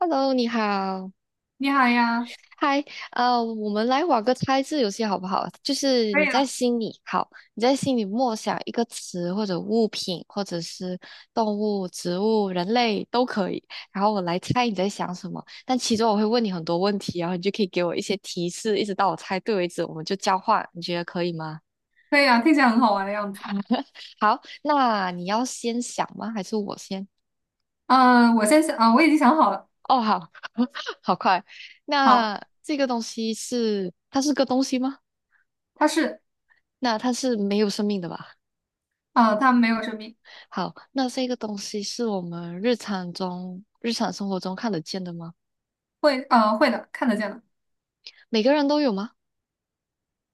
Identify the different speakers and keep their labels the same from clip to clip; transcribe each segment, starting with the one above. Speaker 1: Hello，你好，
Speaker 2: 你好呀。
Speaker 1: 嗨，我们来玩个猜字游戏好不好？就是
Speaker 2: 可
Speaker 1: 你
Speaker 2: 以
Speaker 1: 在
Speaker 2: 啊。
Speaker 1: 心里，好，你在心里默想一个词或者物品，或者是动物、植物、人类都可以，然后我来猜你在想什么。但其中我会问你很多问题，然后你就可以给我一些提示，一直到我猜对为止，我们就交换，你觉得可以吗？
Speaker 2: 可以啊，听起来很好玩的样子。
Speaker 1: 好，那你要先想吗？还是我先？
Speaker 2: 嗯我先想啊我已经想好了。
Speaker 1: 哦，好，好快。
Speaker 2: 好，
Speaker 1: 那这个东西是，它是个东西吗？
Speaker 2: 它是。
Speaker 1: 那它是没有生命的吧？
Speaker 2: 它没有生命。
Speaker 1: 好，那这个东西是我们日常中、日常生活中看得见的吗？
Speaker 2: 会，会的，看得见的。
Speaker 1: 每个人都有吗？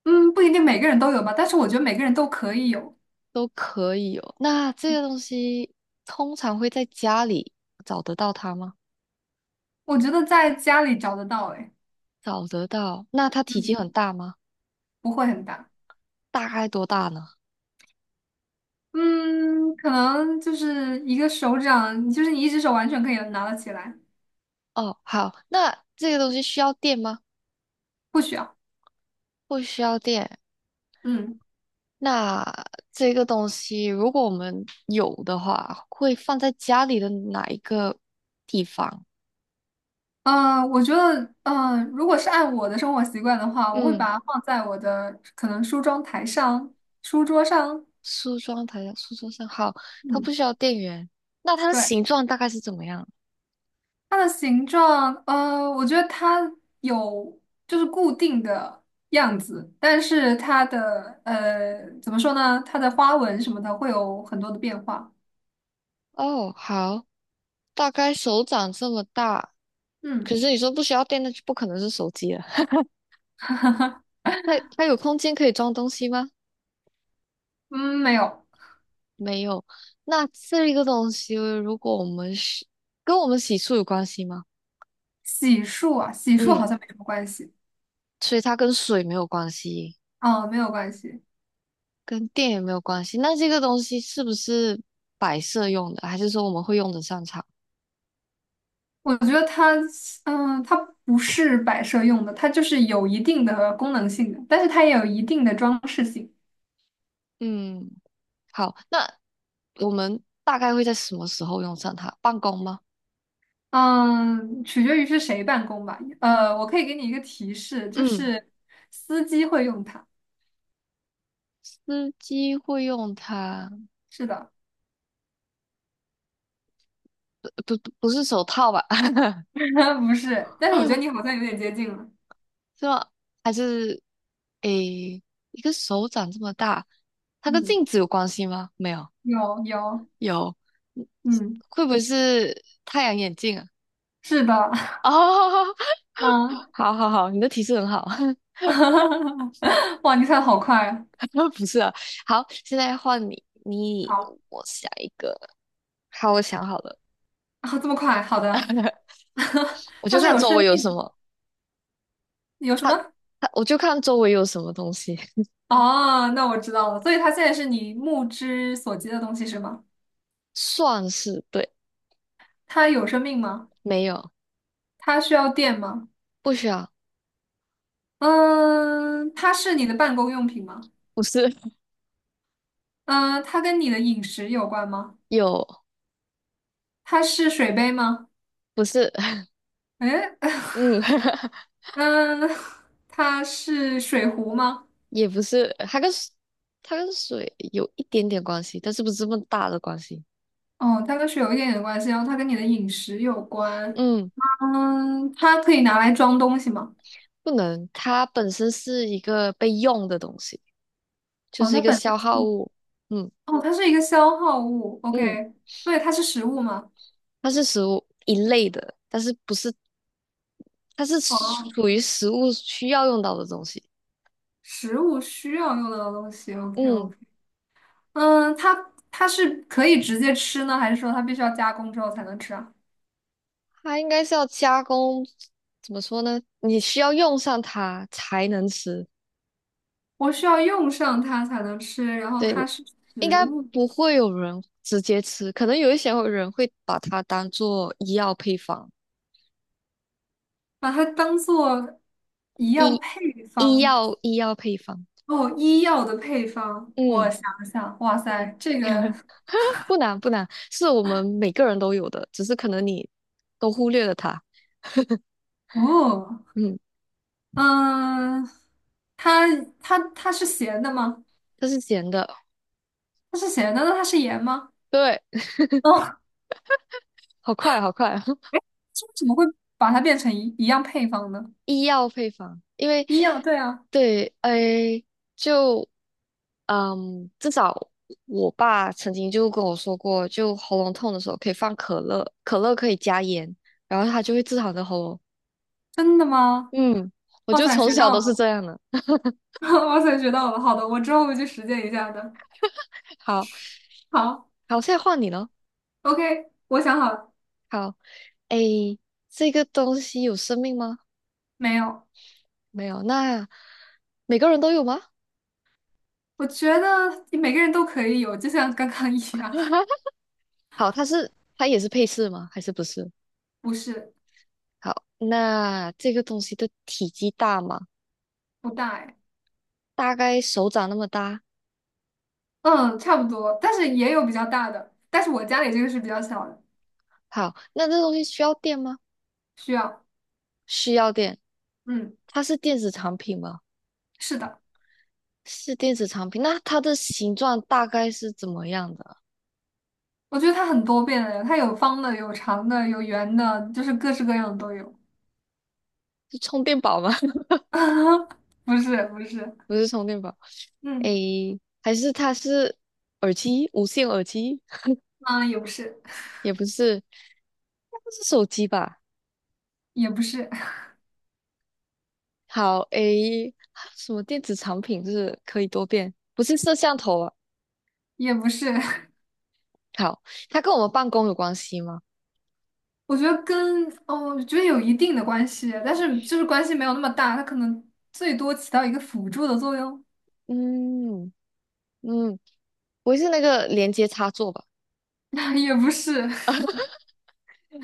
Speaker 2: 嗯，不一定每个人都有吧，但是我觉得每个人都可以有。
Speaker 1: 都可以有。那这个东西通常会在家里找得到它吗？
Speaker 2: 我觉得在家里找得到，哎。
Speaker 1: 找得到。那它体积
Speaker 2: 嗯，
Speaker 1: 很大吗？
Speaker 2: 不会很大。
Speaker 1: 大概多大呢？
Speaker 2: 嗯，可能就是一个手掌，就是你一只手完全可以拿得起来。
Speaker 1: 哦，好，那这个东西需要电吗？
Speaker 2: 不需要。
Speaker 1: 不需要电。
Speaker 2: 嗯。
Speaker 1: 那这个东西如果我们有的话，会放在家里的哪一个地方？
Speaker 2: 我觉得，如果是按我的生活习惯的话，我会
Speaker 1: 嗯。
Speaker 2: 把它放在我的可能梳妆台上、书桌上。
Speaker 1: 梳妆台的书桌上，好，它不
Speaker 2: 嗯，
Speaker 1: 需要电源。那它的
Speaker 2: 对。
Speaker 1: 形状大概是怎么样？
Speaker 2: 它的形状，我觉得它有就是固定的样子，但是它的怎么说呢？它的花纹什么的会有很多的变化。
Speaker 1: 哦，好，大概手掌这么大。可
Speaker 2: 嗯
Speaker 1: 是你说不需要电，那就不可能是手机了。那它有空间可以装东西吗？
Speaker 2: 嗯，没有。
Speaker 1: 没有。那这个东西，如果我们是跟我们洗漱有关系吗？
Speaker 2: 洗漱啊，洗漱好
Speaker 1: 嗯，
Speaker 2: 像没什么关系。
Speaker 1: 所以它跟水没有关系，
Speaker 2: 嗯，没有关系。
Speaker 1: 跟电也没有关系。那这个东西是不是摆设用的，还是说我们会用得上它？
Speaker 2: 我觉得它，嗯它不是摆设用的，它就是有一定的功能性的，但是它也有一定的装饰性。
Speaker 1: 嗯，好，那我们大概会在什么时候用上它？办公吗？
Speaker 2: 嗯，取决于是谁办公吧。我可以给你一个提示，就
Speaker 1: 嗯，
Speaker 2: 是司机会用它。
Speaker 1: 司机会用它，
Speaker 2: 是的。
Speaker 1: 不不是手套吧？
Speaker 2: 不是，但是我觉得你好像有点接近了。
Speaker 1: 是吗？还是诶，一个手掌这么大，它跟
Speaker 2: 嗯，
Speaker 1: 镜子有关系吗？没有，
Speaker 2: 有有。
Speaker 1: 有，嗯
Speaker 2: 嗯，
Speaker 1: 会不会是太阳眼镜啊？
Speaker 2: 是的。
Speaker 1: 哦，
Speaker 2: 嗯。
Speaker 1: 好好好，你的提示很好，
Speaker 2: 哇，你猜的好快啊！
Speaker 1: 不是啊。好，现在换你，你
Speaker 2: 好
Speaker 1: 我想一个，好，我想好了。
Speaker 2: 啊，这么快，好的。
Speaker 1: 我
Speaker 2: 它
Speaker 1: 就
Speaker 2: 是
Speaker 1: 看
Speaker 2: 有
Speaker 1: 周围
Speaker 2: 生
Speaker 1: 有什
Speaker 2: 命，
Speaker 1: 么，
Speaker 2: 有什
Speaker 1: 它
Speaker 2: 么？
Speaker 1: 它我就看周围有什么东西，
Speaker 2: 哦，那我知道了。所以它现在是你目之所及的东西是吗？
Speaker 1: 算是对，
Speaker 2: 它有生命吗？
Speaker 1: 没有，
Speaker 2: 它需要电吗？
Speaker 1: 不需要，
Speaker 2: 嗯，它是你的办公用品吗？
Speaker 1: 不是
Speaker 2: 嗯，它跟你的饮食有关吗？
Speaker 1: 有，
Speaker 2: 它是水杯吗？
Speaker 1: 不是，
Speaker 2: 诶。
Speaker 1: 嗯，
Speaker 2: 嗯，它是水壶吗？
Speaker 1: 也不是，它跟水有一点点关系，但是不是这么大的关系，
Speaker 2: 哦，它跟水有一点点关系，然后它跟你的饮食有关。
Speaker 1: 嗯，
Speaker 2: 嗯，它可以拿来装东西吗？
Speaker 1: 不能，它本身是一个被用的东西，就
Speaker 2: 哦，
Speaker 1: 是
Speaker 2: 它
Speaker 1: 一个
Speaker 2: 本身
Speaker 1: 消耗
Speaker 2: 是。
Speaker 1: 物，嗯
Speaker 2: 哦，它是一个消耗物。
Speaker 1: 嗯，
Speaker 2: OK,所以它是食物吗？
Speaker 1: 它是食物一类的，但是不是，它是
Speaker 2: 哦。
Speaker 1: 属于食物需要用到的东西，
Speaker 2: 食物需要用到的东西，OK
Speaker 1: 嗯。
Speaker 2: OK。嗯，它是可以直接吃呢，还是说它必须要加工之后才能吃啊？
Speaker 1: 它应该是要加工，怎么说呢？你需要用上它才能吃。
Speaker 2: 我需要用上它才能吃，然后
Speaker 1: 对，
Speaker 2: 它是
Speaker 1: 应
Speaker 2: 食
Speaker 1: 该
Speaker 2: 物。
Speaker 1: 不会有人直接吃，可能有一些人会把它当做医药配方，
Speaker 2: 把它当做一样
Speaker 1: 医
Speaker 2: 配
Speaker 1: 医
Speaker 2: 方。
Speaker 1: 药医药配方。
Speaker 2: 哦，医药的配方。我
Speaker 1: 嗯
Speaker 2: 想了想，哇
Speaker 1: 嗯，
Speaker 2: 塞，这个。
Speaker 1: 不难不难，是我们每个人都有的，只是可能你都忽略了它。
Speaker 2: 哦。
Speaker 1: 嗯，
Speaker 2: 嗯，它是咸的吗？
Speaker 1: 它是咸的，
Speaker 2: 它是咸的，那它是盐吗？
Speaker 1: 对，
Speaker 2: 哦，
Speaker 1: 好快好快，
Speaker 2: 这为什么会把它变成一样配方呢？
Speaker 1: 医药配方，因为
Speaker 2: 一样，对啊。
Speaker 1: 对，哎，就。嗯，至少我爸曾经就跟我说过，就喉咙痛的时候可以放可乐，可乐可以加盐，然后他就会治好你的喉咙。
Speaker 2: 真的吗？
Speaker 1: 嗯，我
Speaker 2: 哇
Speaker 1: 就
Speaker 2: 塞，
Speaker 1: 从
Speaker 2: 学
Speaker 1: 小
Speaker 2: 到
Speaker 1: 都是
Speaker 2: 了！
Speaker 1: 这样的。
Speaker 2: 哇塞，学到了！好的，我之后会去实践一下的。
Speaker 1: 好，
Speaker 2: 好
Speaker 1: 好，现在换你了。
Speaker 2: ，OK,我想好了。
Speaker 1: 好，诶，这个东西有生命吗？
Speaker 2: 没有。
Speaker 1: 没有，那每个人都有吗？
Speaker 2: 我觉得每个人都可以有，就像刚刚 一样。
Speaker 1: 好，它是它也是配饰吗？还是不是？
Speaker 2: 不是。
Speaker 1: 好，那这个东西的体积大吗？
Speaker 2: 不大哎。
Speaker 1: 大概手掌那么大。
Speaker 2: 嗯，差不多，但是也有比较大的，但是我家里这个是比较小的。
Speaker 1: 好，那这东西需要电吗？
Speaker 2: 需要。
Speaker 1: 需要店，
Speaker 2: 嗯，
Speaker 1: 它是电子产品吗？
Speaker 2: 是的。
Speaker 1: 是电子产品，那它的形状大概是怎么样的啊？
Speaker 2: 我觉得它很多变的，它有方的，有长的，有圆的，就是各式各样的都有。
Speaker 1: 是充电宝吗？
Speaker 2: 不是，不是。
Speaker 1: 不是充电宝，
Speaker 2: 嗯。
Speaker 1: 诶，还是它是耳机，无线耳机？
Speaker 2: 啊，也不是。
Speaker 1: 也不是，那不是手机吧？
Speaker 2: 也不是。
Speaker 1: 好，诶，什么电子产品就是可以多变？不是摄像头啊？
Speaker 2: 也不是。
Speaker 1: 好，它跟我们办公有关系吗？
Speaker 2: 我觉得跟，哦，我觉得有一定的关系，但是就是关系没有那么大，它可能最多起到一个辅助的作用。
Speaker 1: 嗯嗯，不会是那个连接插座吧？
Speaker 2: 也不是。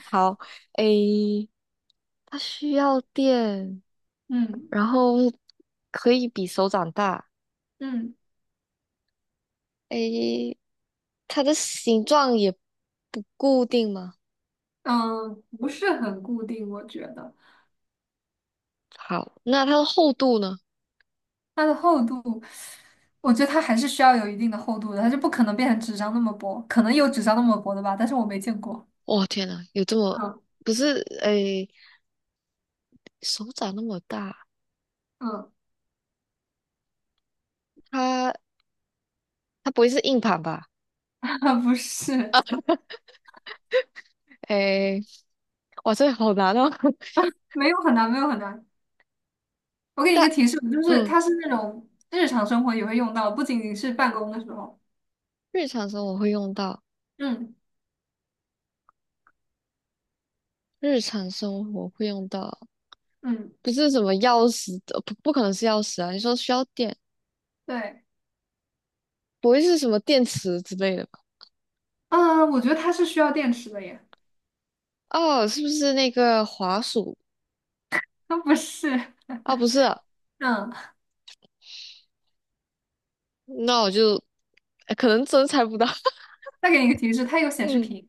Speaker 1: 好，诶，它需要电。
Speaker 2: 嗯
Speaker 1: 然后可以比手掌大。
Speaker 2: 嗯
Speaker 1: 诶，它的形状也不固定吗？
Speaker 2: 嗯，不是很固定，我觉得。
Speaker 1: 好，那它的厚度呢？
Speaker 2: 它的厚度，我觉得它还是需要有一定的厚度的，它就不可能变成纸张那么薄，可能有纸张那么薄的吧，但是我没见过。
Speaker 1: 哇，天呐，有这么，
Speaker 2: 嗯
Speaker 1: 不是，诶，手掌那么大，
Speaker 2: 嗯。
Speaker 1: 它它不会是硬盘吧？
Speaker 2: 不是。
Speaker 1: 诶，哇，这个好难哦。
Speaker 2: 没有很难，没有很难。我给你一
Speaker 1: 但
Speaker 2: 个提示，就是
Speaker 1: 嗯，
Speaker 2: 它是那种日常生活也会用到，不仅仅是办公的时候。
Speaker 1: 日常生活会用到，
Speaker 2: 嗯
Speaker 1: 日常生活会用到，
Speaker 2: 嗯。
Speaker 1: 不是什么钥匙的，不可能是钥匙啊。你说需要电，
Speaker 2: 对。
Speaker 1: 不会是什么电池之类的吧？
Speaker 2: 嗯，我觉得它是需要电池的耶。
Speaker 1: 哦，是不是那个滑鼠？
Speaker 2: 它不是。
Speaker 1: 啊，不是啊
Speaker 2: 嗯，
Speaker 1: 那我就哎可能真猜不到。
Speaker 2: 再给你一个提示，它有显示
Speaker 1: 嗯，
Speaker 2: 屏。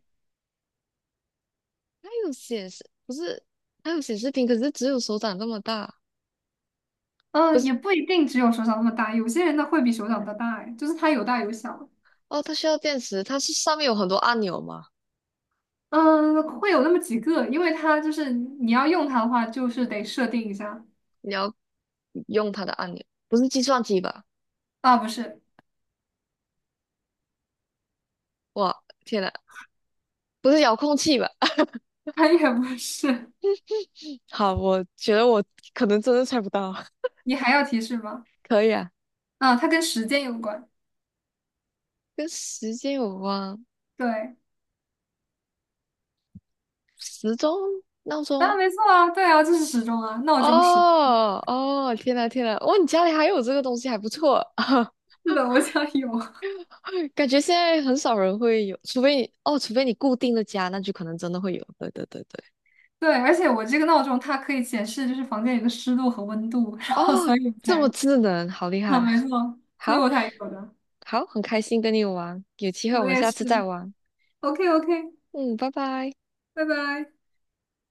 Speaker 1: 它有显示，不是，它有显示屏，可是只有手掌这么大。不
Speaker 2: 嗯，
Speaker 1: 是，
Speaker 2: 也不一定只有手掌那么大，有些人的会比手掌的大，哎，就是它有大有小。
Speaker 1: 哦，它需要电池，它是上面有很多按钮吗？
Speaker 2: 嗯，会有那么几个，因为它就是你要用它的话，就是得设定一下。
Speaker 1: 你要用它的按钮，不是计算机吧？
Speaker 2: 啊，不是。
Speaker 1: 哇，天呐，不是遥控器吧？
Speaker 2: 它也不是。
Speaker 1: 好，我觉得我可能真的猜不到。
Speaker 2: 你还要提示吗？
Speaker 1: 可以啊，
Speaker 2: 啊，它跟时间有关。
Speaker 1: 跟时间有关，
Speaker 2: 对。
Speaker 1: 时钟、闹
Speaker 2: 啊，
Speaker 1: 钟。
Speaker 2: 没错啊，对啊，就是时钟啊，闹钟时。
Speaker 1: 哦哦，天呐天呐，哇，你家里还有这个东西，还不错。
Speaker 2: 是的，我家有。
Speaker 1: 感觉现在很少人会有，除非你哦，除非你固定的家，那就可能真的会有。对对对对，
Speaker 2: 对，而且我这个闹钟它可以显示就是房间里的湿度和温度。然后
Speaker 1: 哦，
Speaker 2: 所以我
Speaker 1: 这
Speaker 2: 才，
Speaker 1: 么智能，好厉
Speaker 2: 啊，
Speaker 1: 害！
Speaker 2: 没错，所以
Speaker 1: 好，
Speaker 2: 我才有的。
Speaker 1: 好，很开心跟你玩，有机会我
Speaker 2: 我
Speaker 1: 们
Speaker 2: 也
Speaker 1: 下次再
Speaker 2: 是。
Speaker 1: 玩。
Speaker 2: OK OK,
Speaker 1: 嗯，拜拜。
Speaker 2: 拜拜。